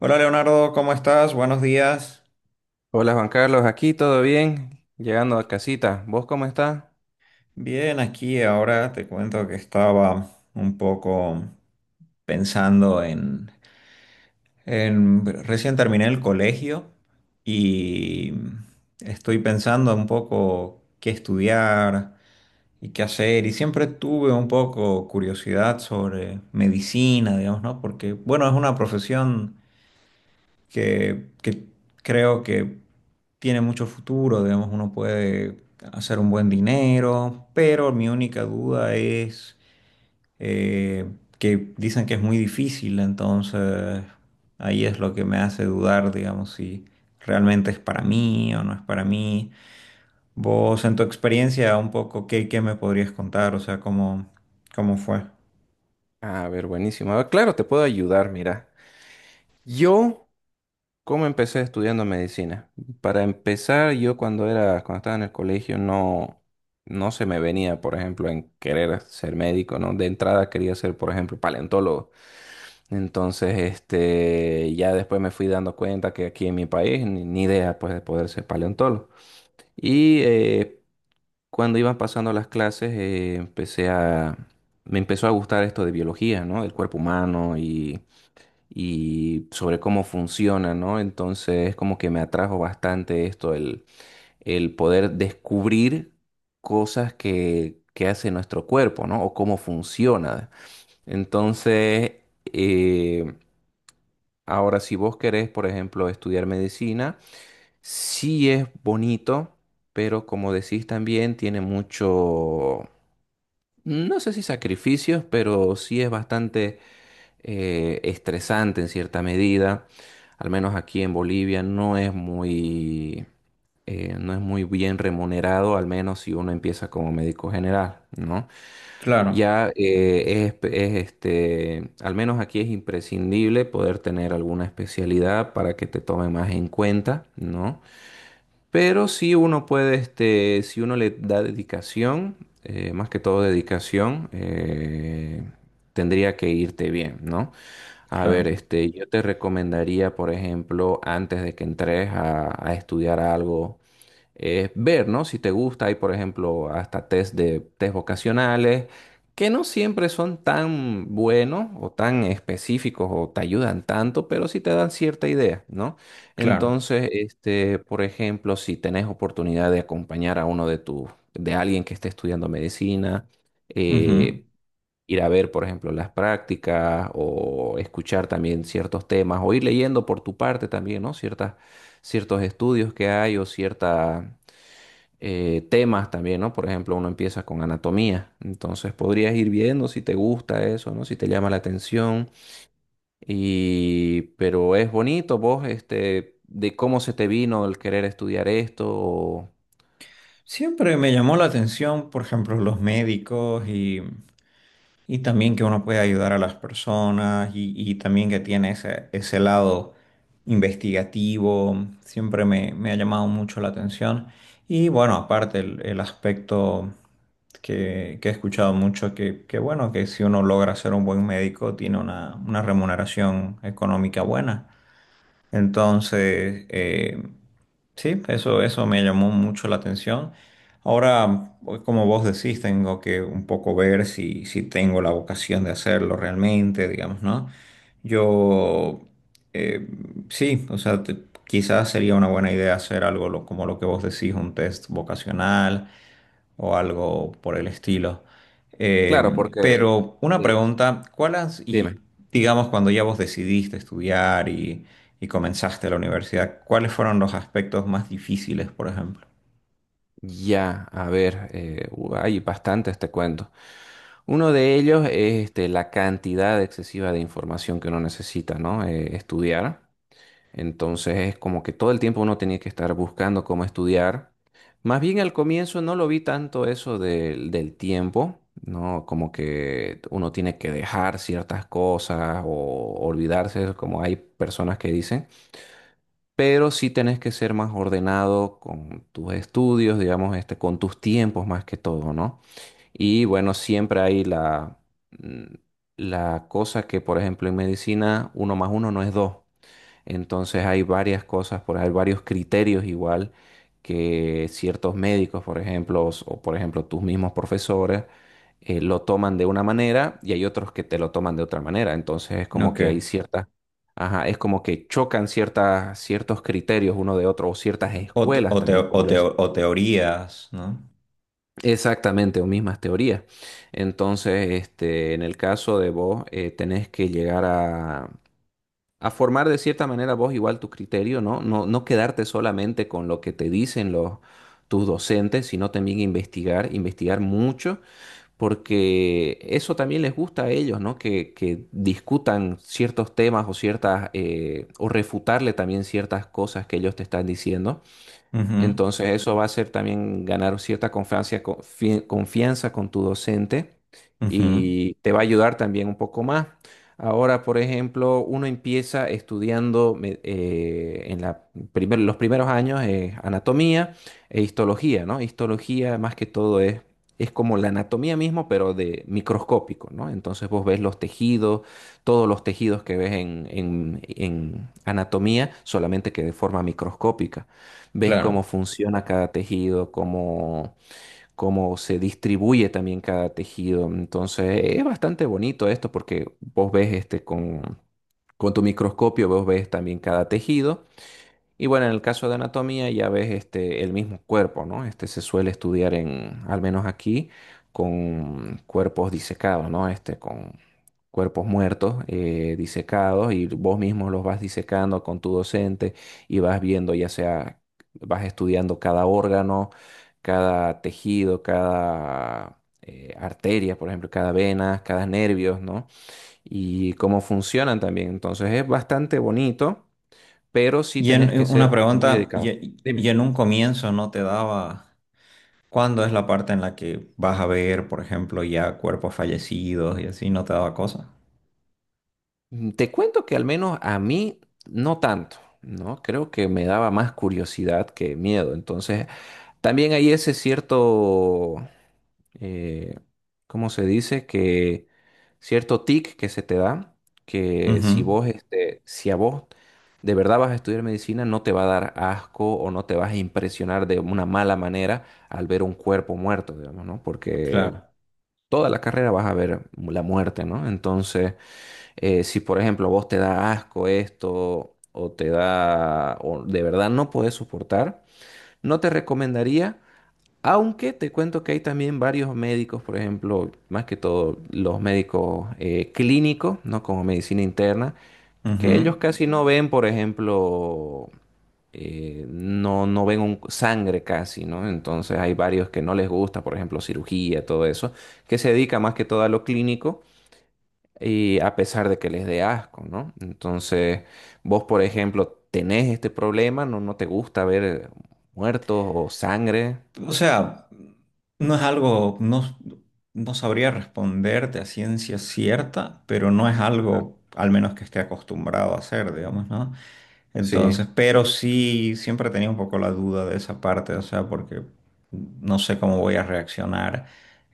Hola Leonardo, ¿cómo estás? Buenos días. Hola Juan Carlos, aquí todo bien, llegando a casita. ¿Vos cómo estás? Bien, aquí ahora te cuento que estaba un poco pensando Recién terminé el colegio y estoy pensando un poco qué estudiar y qué hacer. Y siempre tuve un poco curiosidad sobre medicina, digamos, ¿no? Porque, bueno, es una profesión que creo que tiene mucho futuro, digamos, uno puede hacer un buen dinero, pero mi única duda es eh, que dicen que es muy difícil, entonces ahí es lo que me hace dudar, digamos, si realmente es para mí o no es para mí. Vos, en tu experiencia, un poco, ¿qué me podrías contar? O sea, ¿cómo fue? Ah, a ver, buenísimo. Ah, claro, te puedo ayudar, mira. Yo, ¿cómo empecé estudiando medicina? Para empezar, yo cuando estaba en el colegio no, no se me venía, por ejemplo, en querer ser médico, ¿no? De entrada quería ser, por ejemplo, paleontólogo. Entonces, este, ya después me fui dando cuenta que aquí en mi país ni idea, pues, de poder ser paleontólogo. Y cuando iban pasando las clases, me empezó a gustar esto de biología, ¿no? Del cuerpo humano y sobre cómo funciona, ¿no? Entonces, como que me atrajo bastante esto, el poder descubrir cosas que hace nuestro cuerpo, ¿no? O cómo funciona. Entonces, eh, ahora si vos querés, por ejemplo, estudiar medicina, sí es bonito pero como decís también tiene mucho, no sé si sacrificios, pero sí es bastante estresante en cierta medida. Al menos aquí en Bolivia no es muy bien remunerado, al menos si uno empieza como médico general, ¿no? Claro, Ya, este, al menos aquí es imprescindible poder tener alguna especialidad para que te tomen más en cuenta, ¿no? Pero sí uno puede, este, si uno le da dedicación, más que todo dedicación, tendría que irte bien, ¿no? A ver, claro, este, yo te recomendaría, por ejemplo, antes de que entres a estudiar algo, ver, ¿no? Si te gusta, hay por ejemplo hasta test vocacionales que no siempre son tan buenos o tan específicos o te ayudan tanto, pero sí te dan cierta idea, ¿no? Entonces, este, por ejemplo, si tenés oportunidad de acompañar a uno de de alguien que esté estudiando medicina, claro. eh, ir a ver, por ejemplo, las prácticas o escuchar también ciertos temas o ir leyendo por tu parte también, ¿no? Ciertos estudios que hay o ciertas temas también, ¿no? Por ejemplo, uno empieza con anatomía, entonces podrías ir viendo si te gusta eso, ¿no? Si te llama la atención. Y pero es bonito vos, este, de cómo se te vino el querer estudiar esto. Siempre me llamó la atención, por ejemplo, los médicos y también que uno puede ayudar a las personas y también que tiene ese lado investigativo, siempre me ha llamado mucho la atención. Y bueno, aparte el aspecto que he escuchado mucho, que bueno, que si uno logra ser un buen médico, tiene una remuneración económica buena. Entonces, sí, eso me llamó mucho la atención. Ahora, pues, como vos decís, tengo que un poco ver si tengo la vocación de hacerlo realmente, digamos, ¿no? Yo, eh, sí, o sea, quizás sería una buena idea hacer algo como lo que vos decís, un test vocacional o algo por el estilo. Eh, Claro. porque pero una eh, pregunta, y dime. digamos cuando ya vos decidiste estudiar y comenzaste la universidad, ¿cuáles fueron los aspectos más difíciles, por ejemplo? Ya, a ver, hay bastantes, te cuento. Uno de ellos es este, la cantidad excesiva de información que uno necesita, ¿no? Estudiar. Entonces es como que todo el tiempo uno tenía que estar buscando cómo estudiar. Más bien al comienzo no lo vi tanto eso del tiempo, ¿no? Como que uno tiene que dejar ciertas cosas o olvidarse, como hay personas que dicen, pero sí tenés que ser más ordenado con tus estudios, digamos, este, con tus tiempos más que todo, ¿no? Y bueno, siempre hay mm, la cosa que, por ejemplo, en medicina, uno más uno no es dos. Entonces hay varias cosas, hay varios criterios igual que ciertos médicos, por ejemplo, por ejemplo tus mismos profesores, lo toman de una manera y hay otros que te lo toman de otra manera. Entonces es como Ok. que hay ajá, es como que chocan ciertos criterios uno de otro o ciertas escuelas también, como les... O teorías, ¿no? Exactamente, o mismas teorías. Entonces, este, en el caso de vos, tenés que llegar a formar de cierta manera vos igual tu criterio, ¿no? No, no quedarte solamente con lo que te dicen tus docentes, sino también investigar, investigar mucho, porque eso también les gusta a ellos, ¿no? Que discutan ciertos temas o o refutarle también ciertas cosas que ellos te están diciendo. Ujú, Entonces eso va a ser también ganar cierta confianza con tu docente ujú, y te va a ayudar también un poco más. Ahora, por ejemplo, uno empieza estudiando en los primeros años, anatomía e histología, ¿no? Histología más que todo es como la anatomía mismo, pero de microscópico, ¿no? Entonces vos ves los tejidos, todos los tejidos que ves en anatomía, solamente que de forma microscópica. Ves cómo claro. funciona cada tejido, cómo se distribuye también cada tejido. Entonces, es bastante bonito esto porque vos ves este con tu microscopio, vos ves también cada tejido y bueno, en el caso de anatomía ya ves este, el mismo cuerpo, ¿no? Este se suele estudiar en, al menos aquí, con cuerpos disecados, ¿no? Este, con cuerpos muertos, disecados, y vos mismo los vas disecando con tu docente y vas viendo, ya sea, vas estudiando cada órgano, cada tejido, cada arteria, por ejemplo, cada vena, cada nervio, ¿no? Y cómo funcionan también. Entonces es bastante bonito pero sí Y en tenés en que una ser muy pregunta, dedicado. y en un comienzo no te daba, ¿cuándo es la parte en la que vas a ver, por ejemplo, ya cuerpos fallecidos y así no te daba cosa? Te cuento que al menos a mí no tanto, ¿no? Creo que me daba más curiosidad que miedo. Entonces, también hay ese eh, ¿cómo se dice? Que cierto tic que se te da, que si a vos de verdad vas a estudiar medicina, no te va a dar asco o no te vas a impresionar de una mala manera al ver un cuerpo muerto, digamos, ¿no? Porque Claro. toda la carrera vas a ver la muerte, ¿no? Entonces, si por ejemplo vos te da asco esto o o de verdad no podés soportar, no te recomendaría, aunque te cuento que hay también varios médicos, por ejemplo, más que todo los médicos clínicos, ¿no? Como medicina interna, que Ujú. ellos casi no ven, por ejemplo, no, no ven sangre casi, ¿no? Entonces hay varios que no les gusta, por ejemplo, cirugía, todo eso, que se dedica más que todo a lo clínico y a pesar de que les dé asco, ¿no? Entonces, vos, por ejemplo, tenés este problema, no, no te gusta ver muertos o sangre. O sea, no es algo, no, no sabría responderte a ciencia cierta, pero no es Ajá. algo, al menos que esté acostumbrado a hacer, digamos, ¿no? Sí. Entonces, pero sí, siempre tenía un poco la duda de esa parte, o sea, porque no sé cómo voy a reaccionar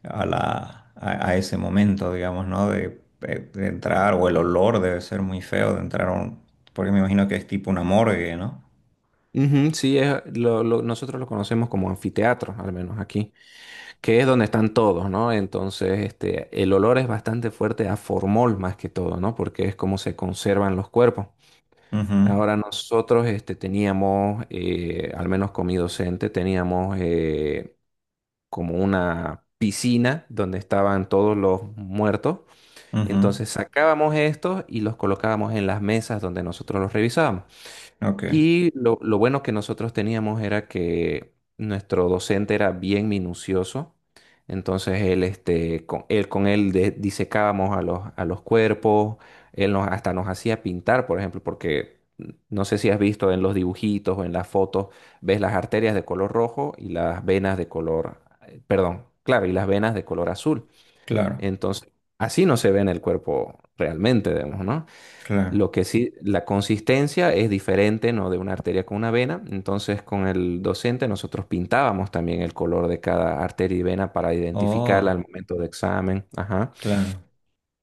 a ese momento, digamos, ¿no? De entrar, o el olor debe ser muy feo de entrar a un, porque me imagino que es tipo una morgue, ¿no? Ujú, sí, nosotros lo conocemos como anfiteatro, al menos aquí, que es donde están todos, ¿no? Entonces, este, el olor es bastante fuerte a formol más que todo, ¿no? Porque es como se conservan los cuerpos. Ujú, Ahora nosotros, este, teníamos, al menos con mi docente, teníamos como una piscina donde estaban todos los muertos. ujú. Entonces sacábamos estos y los colocábamos en las mesas donde nosotros los revisábamos. Ok. Y lo bueno que nosotros teníamos era que nuestro docente era bien minucioso. Entonces él, este, con él disecábamos a los cuerpos, él hasta nos hacía pintar, por ejemplo, porque no sé si has visto en los dibujitos o en las fotos, ves las arterias de color rojo y las venas de color, perdón, claro, y las venas de color azul. Claro, Entonces, así no se ve en el cuerpo realmente, digamos, ¿no? claro. Lo que sí, la consistencia es diferente, ¿no? De una arteria con una vena. Entonces, con el docente nosotros pintábamos también el color de cada arteria y vena para identificarla al Oh, momento de examen. Ajá. claro.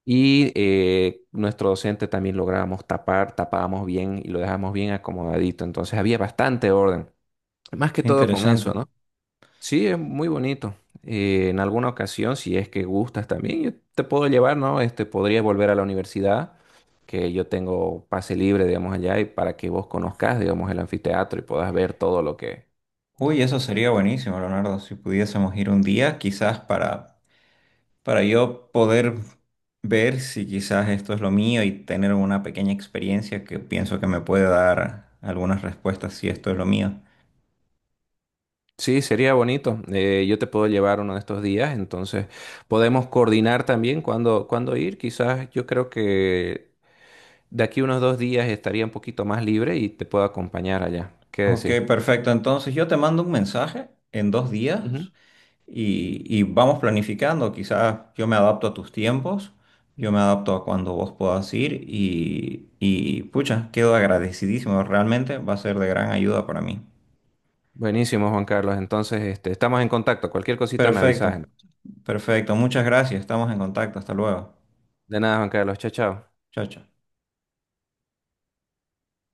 Y nuestro docente también lográbamos tapábamos bien y lo dejábamos bien acomodadito. Entonces, había bastante orden. Más que Qué todo con interesante. eso, ¿no? Sí, es muy bonito. En alguna ocasión, si es que gustas también, yo te puedo llevar, ¿no? Este, podrías volver a la universidad, que yo tengo pase libre, digamos, allá, y para que vos conozcas, digamos, el anfiteatro y puedas ver todo lo que... Uy, eso sería buenísimo, Leonardo, si pudiésemos ir un día, quizás para, yo poder ver si quizás esto es lo mío y tener una pequeña experiencia que pienso que me puede dar algunas respuestas si esto es lo mío. Sí, sería bonito. Yo te puedo llevar uno de estos días, entonces podemos coordinar también cuándo ir. Quizás yo creo que de aquí unos 2 días estaría un poquito más libre y te puedo acompañar allá. ¿Qué Ok, decís? perfecto. Entonces yo te mando un mensaje en 2 días y vamos planificando. Quizás yo me adapto a tus tiempos, yo me adapto a cuando vos puedas ir y pucha, quedo agradecidísimo. Realmente va a ser de gran ayuda para mí. Buenísimo, Juan Carlos. Entonces, este, estamos en contacto. Cualquier cosita me avisas, Perfecto, ¿no? perfecto. Muchas gracias. Estamos en contacto. Hasta luego. De nada, Juan Carlos. Chao, chao. Chao, chao.